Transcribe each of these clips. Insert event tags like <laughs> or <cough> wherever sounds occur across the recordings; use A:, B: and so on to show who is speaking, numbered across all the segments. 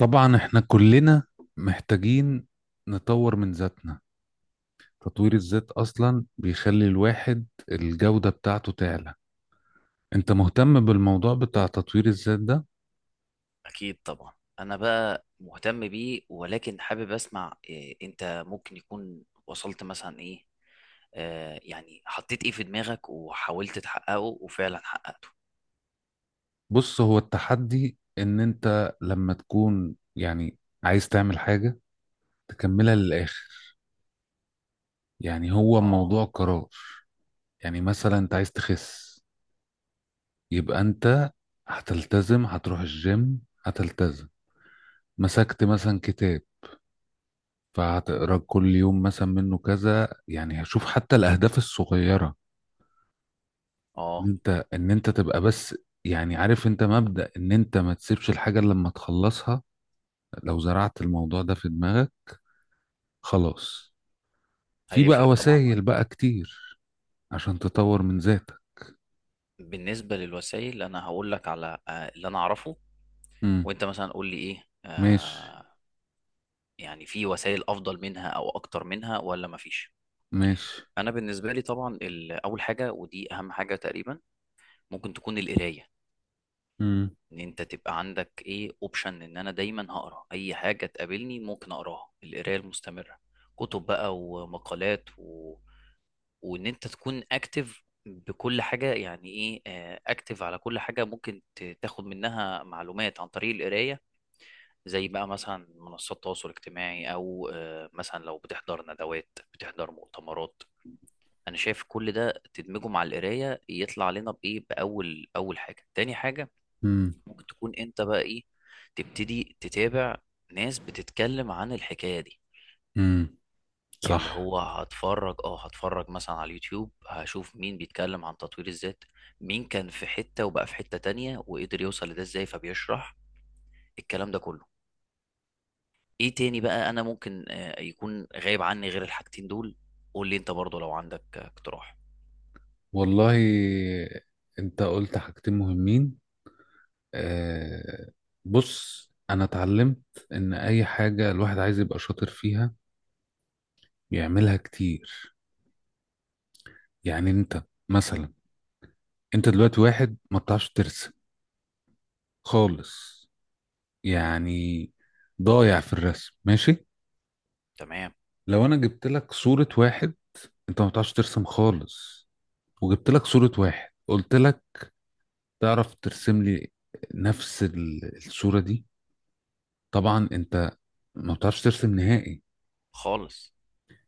A: طبعا احنا كلنا محتاجين نطور من ذاتنا. تطوير الذات اصلا بيخلي الواحد الجودة بتاعته تعلى. انت مهتم بالموضوع بتاع تطوير الذات ده؟
B: أكيد طبعا. أنا بقى مهتم بيه، ولكن حابب أسمع إيه أنت ممكن يكون وصلت مثلا، إيه، يعني حطيت إيه في دماغك وحاولت تحققه وفعلا حققته؟
A: بص، هو التحدي ان انت لما تكون يعني عايز تعمل حاجة تكملها للاخر. يعني هو
B: آه
A: موضوع قرار. يعني مثلا انت عايز تخس، يبقى انت هتلتزم، هتروح الجيم، هتلتزم. مسكت مثلا كتاب، فهتقرا كل يوم مثلا منه كذا. يعني هشوف حتى الاهداف الصغيره، ان
B: آه،
A: انت ان انت تبقى بس. يعني عارف انت مبدأ ان انت ما تسيبش الحاجه إلا لما تخلصها. لو زرعت الموضوع ده في دماغك خلاص، في بقى
B: هيفرق طبعا.
A: وسائل بقى كتير عشان تطور من ذاتك.
B: بالنسبة للوسائل أنا هقول لك على اللي أنا أعرفه،
A: امم
B: وأنت مثلا قول لي إيه،
A: ماشي.
B: يعني في وسائل أفضل منها أو أكتر منها ولا مفيش؟
A: ماشي.
B: أنا بالنسبة لي طبعا، أول حاجة ودي أهم حاجة تقريبا، ممكن تكون القراية.
A: امم
B: ان انت تبقى عندك ايه، اوبشن ان انا دايما هقرا اي حاجه تقابلني ممكن اقراها، القرايه المستمره، كتب بقى ومقالات و... وان انت تكون اكتف بكل حاجه، يعني ايه اكتف؟ على كل حاجه ممكن تاخد منها معلومات عن طريق القرايه، زي بقى مثلا منصات التواصل الاجتماعي، او مثلا لو بتحضر ندوات، بتحضر مؤتمرات. انا شايف كل ده تدمجه مع القرايه يطلع لنا بايه، باول اول حاجه. تاني حاجه،
A: امم
B: ممكن تكون انت بقى ايه، تبتدي تتابع ناس بتتكلم عن الحكاية دي،
A: امم
B: اللي
A: صح.
B: هو هتفرج، اه هتفرج مثلا على اليوتيوب، هشوف مين بيتكلم عن تطوير الذات، مين كان في حتة وبقى في حتة تانية وقدر يوصل لده ازاي، فبيشرح الكلام ده كله. ايه تاني بقى انا ممكن يكون غايب عني غير الحاجتين دول؟ قول لي انت برضو لو عندك اقتراح.
A: والله، انت قلت حاجتين مهمين. آه، بص، انا اتعلمت ان اي حاجة الواحد عايز يبقى شاطر فيها بيعملها كتير. يعني انت مثلا، انت دلوقتي واحد ما بتعرفش ترسم خالص، يعني ضايع في الرسم. ماشي،
B: تمام.
A: لو انا جبت لك صورة واحد، انت ما بتعرفش ترسم خالص، وجبت لك صورة واحد قلت لك تعرف ترسم لي نفس الصورة دي؟ طبعا انت ما بتعرفش ترسم نهائي.
B: خالص.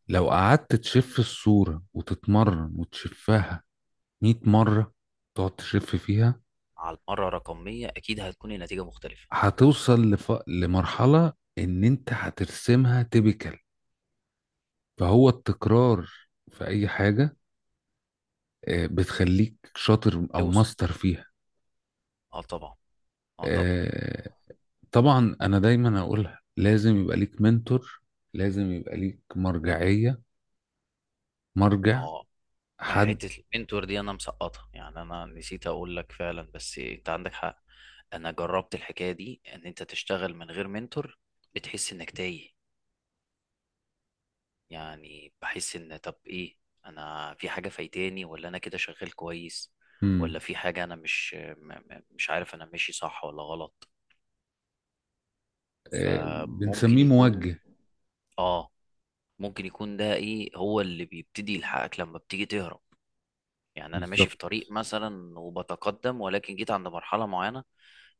A: لو قعدت تشف الصورة وتتمرن وتشفها 100 مرة، تقعد تشف فيها،
B: على المرة رقم 100 اكيد هتكون النتيجة مختلفة.
A: هتوصل لمرحلة إن أنت هترسمها تيبيكال. فهو التكرار في أي حاجة بتخليك شاطر أو
B: توصل.
A: ماستر فيها.
B: اه طبعا. اه طبعا.
A: آه، طبعا أنا دايما أقولها، لازم يبقى ليك منتور، لازم يبقى ليك مرجعية، مرجع،
B: اه، أي
A: حد.
B: حتة المنتور دي أنا مسقطها، يعني أنا نسيت أقول لك، فعلا بس أنت عندك حق. أنا جربت الحكاية دي، إن أنت تشتغل من غير منتور بتحس إنك تايه. يعني بحس إن طب إيه، أنا في حاجة فايتاني ولا أنا كده شغال كويس؟
A: مم.
B: ولا في حاجة أنا مش م- م- مش عارف أنا ماشي صح ولا غلط؟ فممكن
A: بنسميه
B: يكون،
A: موجه.
B: آه، ممكن يكون ده إيه هو اللي بيبتدي يلحقك لما بتيجي تهرب. يعني أنا ماشي
A: بالظبط،
B: في طريق مثلا وبتقدم، ولكن جيت عند مرحلة معينة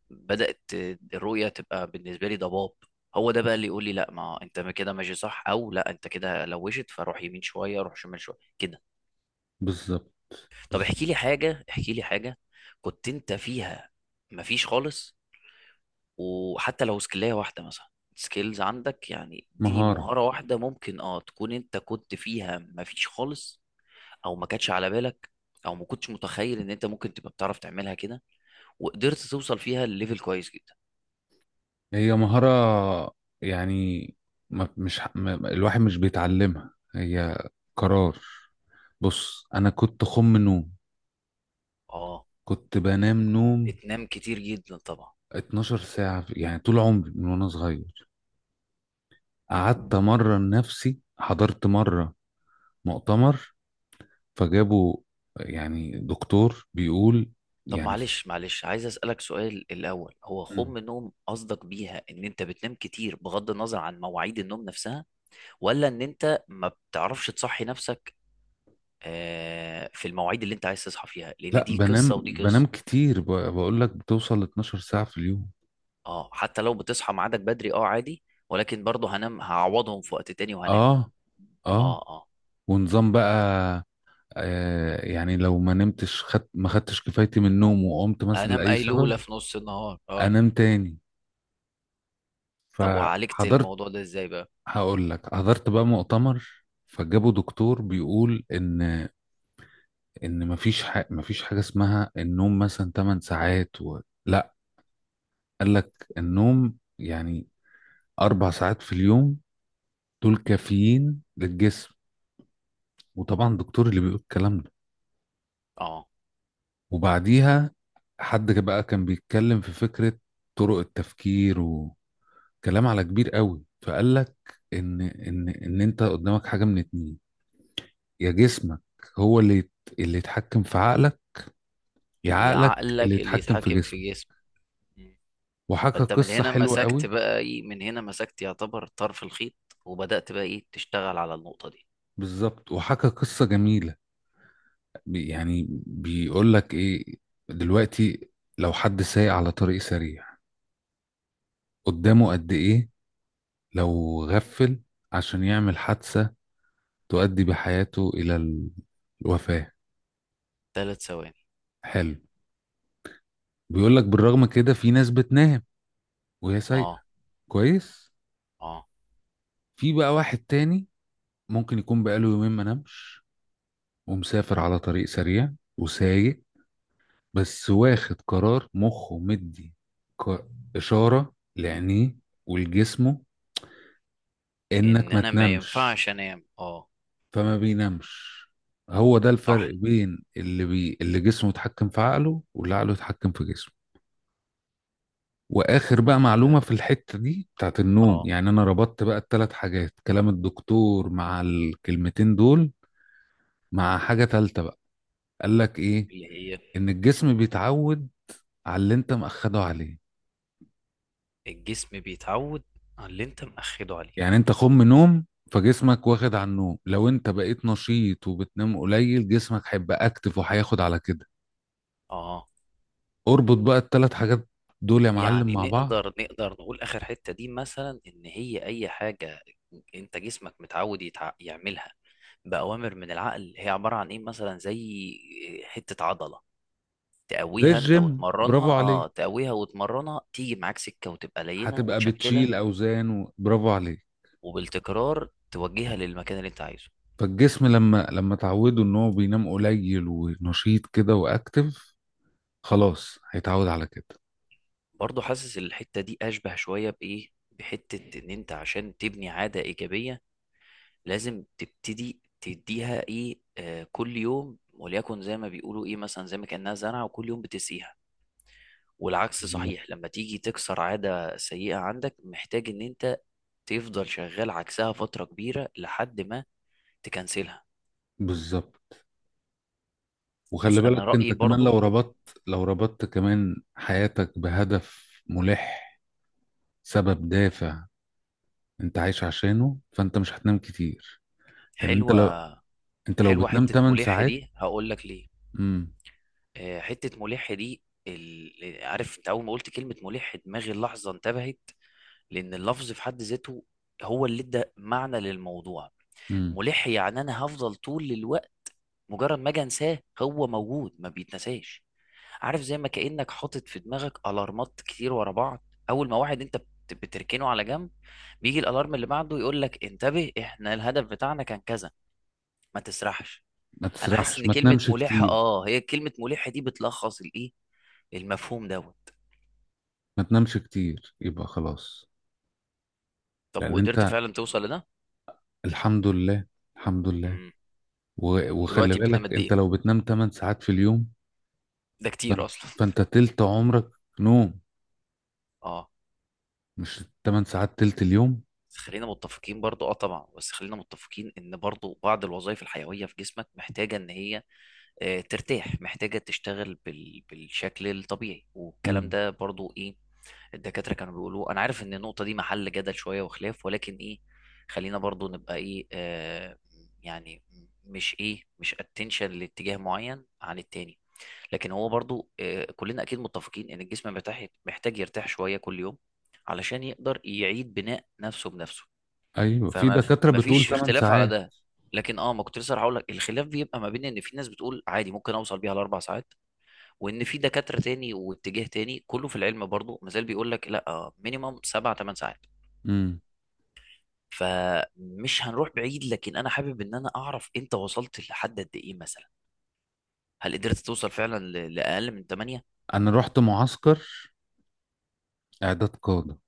B: بدأت الرؤية تبقى بالنسبة لي ضباب. هو ده بقى اللي يقول لي لا ما انت ما كده ماشي صح، او لا انت كده لوشت فروح يمين شوية، روح شمال شوية كده.
A: بالظبط،
B: طب
A: بالظبط.
B: احكي لي حاجة، احكي لي حاجة كنت انت فيها مفيش خالص، وحتى لو سكلاية واحدة مثلا، سكيلز عندك، يعني اديني
A: مهارة،
B: مهارة واحدة ممكن اه تكون انت كنت فيها مفيش خالص، او ما كانتش على بالك، او ما كنتش متخيل ان انت ممكن تبقى بتعرف تعملها كده وقدرت توصل فيها لليفل كويس جدا.
A: هي مهارة، يعني ما الواحد مش بيتعلمها، هي قرار. بص، أنا كنت خم نوم،
B: اه،
A: كنت بنام نوم
B: بتنام كتير جدا طبعا.
A: 12 ساعة يعني طول عمري من وأنا صغير. قعدت مرة نفسي، حضرت مرة مؤتمر، فجابوا يعني دكتور بيقول
B: طب
A: يعني
B: معلش معلش، عايز اسالك سؤال الاول، هو
A: مم.
B: خوم النوم قصدك بيها ان انت بتنام كتير بغض النظر عن مواعيد النوم نفسها، ولا ان انت ما بتعرفش تصحي نفسك في المواعيد اللي انت عايز تصحى فيها؟ لان
A: لا،
B: دي
A: بنام
B: قصه ودي
A: بنام
B: قصه.
A: كتير بقول لك بتوصل ل 12 ساعة في اليوم.
B: اه حتى لو بتصحى ميعادك بدري اه عادي، ولكن برضه هنام، هعوضهم في وقت تاني وهنام.
A: اه.
B: اه
A: اه.
B: اه.
A: ونظام بقى، يعني لو ما نمتش، خد ما خدتش كفايتي من النوم وقمت مثلا
B: هنام
A: لأي سبب،
B: قيلوله في نص النهار، اه.
A: أنام تاني.
B: طب وعالجت
A: فحضرت،
B: الموضوع ده ازاي بقى؟
A: هقول لك، حضرت بقى مؤتمر، فجابوا دكتور بيقول إن، إن مفيش مفيش حاجة اسمها النوم مثلا 8 ساعات لا، قال لك النوم يعني أربع ساعات في اليوم دول كافيين للجسم. وطبعا الدكتور اللي بيقول الكلام ده،
B: اه.
A: وبعديها حد بقى كان بيتكلم في فكرة طرق التفكير كلام على كبير قوي. فقال لك ان انت قدامك حاجه من اتنين: يا جسمك هو اللي اللي يتحكم في عقلك، يا
B: يا
A: عقلك اللي
B: عقلك اللي
A: يتحكم في
B: يتحكم
A: جسمك.
B: في جسمك.
A: وحكى
B: فانت من
A: قصه
B: هنا
A: حلوه
B: مسكت
A: قوي.
B: بقى ايه، من هنا مسكت يعتبر طرف الخيط، وبدأت بقى ايه تشتغل على النقطة دي.
A: بالظبط، وحكى قصه جميله. يعني بيقول لك ايه، دلوقتي لو حد سايق على طريق سريع، قدامه قد ايه لو غفل عشان يعمل حادثه تؤدي بحياته الى الوفاه؟
B: 3 ثواني.
A: حلو. بيقول لك بالرغم كده في ناس بتنام وهي سايقه
B: اه.
A: كويس.
B: اه.
A: في بقى واحد تاني ممكن يكون بقاله يومين ما نامش ومسافر على طريق سريع وسايق، بس واخد قرار مخه مدي ك- إشارة لعينيه ولجسمه
B: ان
A: إنك ما
B: انا ما
A: تنامش،
B: ينفعش انام، اه.
A: فما بينامش. هو ده
B: صح.
A: الفرق بين اللي جسمه يتحكم في عقله واللي عقله يتحكم في جسمه. واخر بقى
B: فانت.
A: معلومه في الحته دي بتاعت النوم،
B: اه.
A: يعني انا ربطت بقى الثلاث حاجات، كلام الدكتور مع الكلمتين دول مع حاجه ثالثه. قال لك ايه؟
B: اللي هي.
A: ان الجسم بيتعود على اللي انت مأخده عليه.
B: الجسم بيتعود على اللي انت مأخده عليه.
A: يعني انت خم نوم، فجسمك واخد على النوم. لو انت بقيت نشيط وبتنام قليل، جسمك هيبقى اكتف وهياخد على كده.
B: اه آه.
A: اربط بقى الثلاث حاجات دول يا معلم
B: يعني
A: مع بعض.
B: نقدر، نقدر نقول اخر حتة دي مثلا ان هي اي حاجة انت جسمك متعود يعملها بأوامر من العقل، هي عبارة عن ايه مثلا؟ زي حتة عضلة
A: زي
B: تقويها انت
A: الجيم،
B: وتمرنها،
A: برافو
B: اه
A: عليك،
B: تقويها وتمرنها تيجي معاك سكه وتبقى لينه
A: هتبقى
B: وتشكلها.
A: بتشيل اوزان برافو عليك.
B: وبالتكرار توجهها للمكان اللي انت عايزه.
A: فالجسم لما تعوده ان هو بينام قليل ونشيط كده واكتف، خلاص هيتعود على كده.
B: برضه حاسس الحته دي اشبه شويه بايه، بحته ان انت عشان تبني عاده ايجابيه لازم تبتدي تديها ايه كل يوم، وليكن زي ما بيقولوا ايه مثلا، زي ما كانها زرعه وكل يوم بتسقيها. والعكس
A: بالظبط،
B: صحيح، لما تيجي تكسر عاده سيئه عندك محتاج ان انت تفضل شغال عكسها فتره كبيره لحد ما تكنسلها.
A: بالظبط. وخلي
B: بص انا
A: بالك انت
B: رايي
A: كمان لو
B: برضو.
A: ربطت، لو ربطت كمان حياتك بهدف ملح، سبب دافع انت عايش عشانه، فانت مش هتنام كتير. لان انت
B: حلوه.
A: لو، انت لو
B: حلوه
A: بتنام
B: حته
A: 8
B: ملح
A: ساعات.
B: دي، هقول لك ليه.
A: امم
B: حته ملح دي عارف انت اول ما قلت كلمه ملح دماغي اللحظه انتبهت، لان اللفظ في حد ذاته هو اللي ادى معنى للموضوع.
A: امم
B: ملح يعني انا هفضل طول الوقت، مجرد ما اجي انساه هو موجود، ما بيتنساش. عارف زي ما كانك حاطط في دماغك الارمات كتير ورا بعض، اول ما واحد انت بتركنه على جنب بيجي الالارم اللي بعده يقول لك انتبه، احنا الهدف بتاعنا كان كذا، ما تسرحش.
A: ما
B: انا حاسس
A: تسرحش،
B: ان
A: ما
B: كلمه
A: تنامش
B: ملحه،
A: كتير.
B: اه، هي كلمه ملحه دي بتلخص الايه، المفهوم دوت.
A: ما تنامش كتير، يبقى خلاص.
B: طب
A: لان
B: وقدرت
A: انت،
B: فعلا توصل لده؟
A: الحمد لله، الحمد لله.
B: امم.
A: وخلي
B: دلوقتي بتنام
A: بالك
B: قد
A: انت
B: ايه؟
A: لو بتنام 8 ساعات في اليوم،
B: ده كتير
A: فانت
B: اصلا.
A: فانت تلت عمرك نوم،
B: <laughs> اه.
A: مش 8 ساعات، تلت اليوم.
B: بس خلينا متفقين برضو، اه طبعا، بس خلينا متفقين ان برضو بعض الوظائف الحيويه في جسمك محتاجه ان هي ترتاح، محتاجه تشتغل بالشكل الطبيعي، والكلام
A: امم
B: ده برضو ايه، الدكاترة كانوا بيقولوا. أنا عارف إن النقطة دي محل جدل شوية وخلاف، ولكن إيه، خلينا برضو نبقى إيه، يعني، مش إيه، مش اتنشن لاتجاه معين عن التاني، لكن هو برضو كلنا أكيد متفقين إن الجسم محتاج يرتاح شوية كل يوم علشان يقدر يعيد بناء نفسه بنفسه.
A: ايوه، في
B: فما ف-
A: دكاترة
B: ما
A: بتقول
B: فيش
A: 8
B: اختلاف على
A: ساعات.
B: ده. لكن اه ما كنت لسه هقول لك، الخلاف بيبقى ما بين ان في ناس بتقول عادي ممكن اوصل بيها ل4 ساعات، وان في دكاتره تاني واتجاه تاني كله في العلم برضو مازال بيقول لك لا، مينيمم 7 8 ساعات.
A: امم
B: فمش هنروح بعيد، لكن انا حابب ان انا اعرف انت وصلت لحد قد ايه مثلا، هل قدرت توصل فعلا لاقل من 8؟
A: انا رحت معسكر اعداد قادة.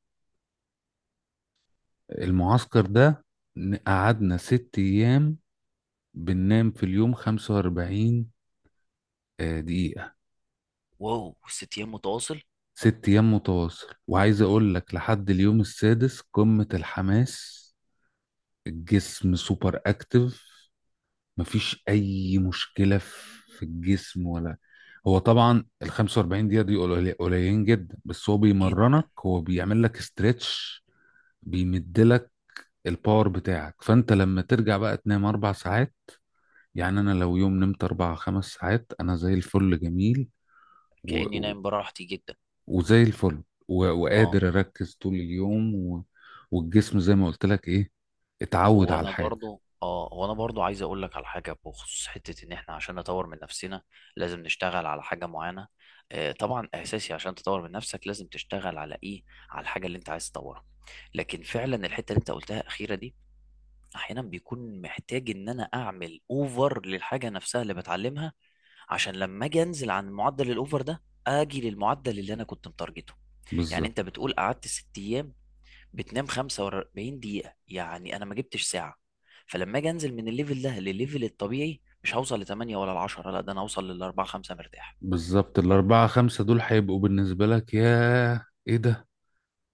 A: المعسكر ده قعدنا ست ايام بننام في اليوم 45 دقيقة.
B: واو، 6 ايام متواصل
A: ست ايام متواصل، وعايز اقول لك لحد اليوم السادس قمة الحماس. الجسم سوبر اكتف، مفيش اي مشكلة في الجسم ولا. هو طبعا ال 45 دقيقة دي قليلين جدا، بس هو بيمرنك،
B: جدا.
A: هو بيعمل لك استريتش، بيمدلك الباور بتاعك. فانت لما ترجع بقى تنام اربع ساعات. يعني انا لو يوم نمت اربع خمس ساعات، انا زي الفل جميل و...
B: كاني
A: و...
B: نايم براحتي جدا،
A: وزي الفل
B: اه.
A: وقادر اركز طول اليوم والجسم زي ما قلت لك ايه، اتعود
B: هو
A: على
B: انا
A: الحاجة.
B: برضو اه هو انا برضو عايز اقول لك على حاجه بخصوص حته ان احنا عشان نطور من نفسنا لازم نشتغل على حاجه معينه، آه طبعا اساسي، عشان تطور من نفسك لازم تشتغل على ايه، على الحاجه اللي انت عايز تطورها. لكن فعلا الحته اللي انت قلتها اخيره دي، احيانا بيكون محتاج ان انا اعمل اوفر للحاجه نفسها اللي بتعلمها، عشان لما اجي انزل عن معدل الاوفر ده اجي للمعدل اللي انا كنت متارجته. يعني
A: بالظبط.
B: انت بتقول قعدت 6 ايام بتنام 45 دقيقة، يعني أنا ما جبتش ساعة، فلما أجي أنزل من الليفل ده للليفل الطبيعي مش هوصل ل 8 ولا ل 10، لا ده أنا هوصل لل 4 5 مرتاح.
A: بالظبط، الاربعة خمسة دول هيبقوا بالنسبة لك ياه ايه ده؟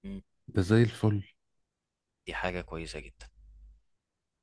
B: مم.
A: ده زي الفل.
B: دي حاجة كويسة جدا.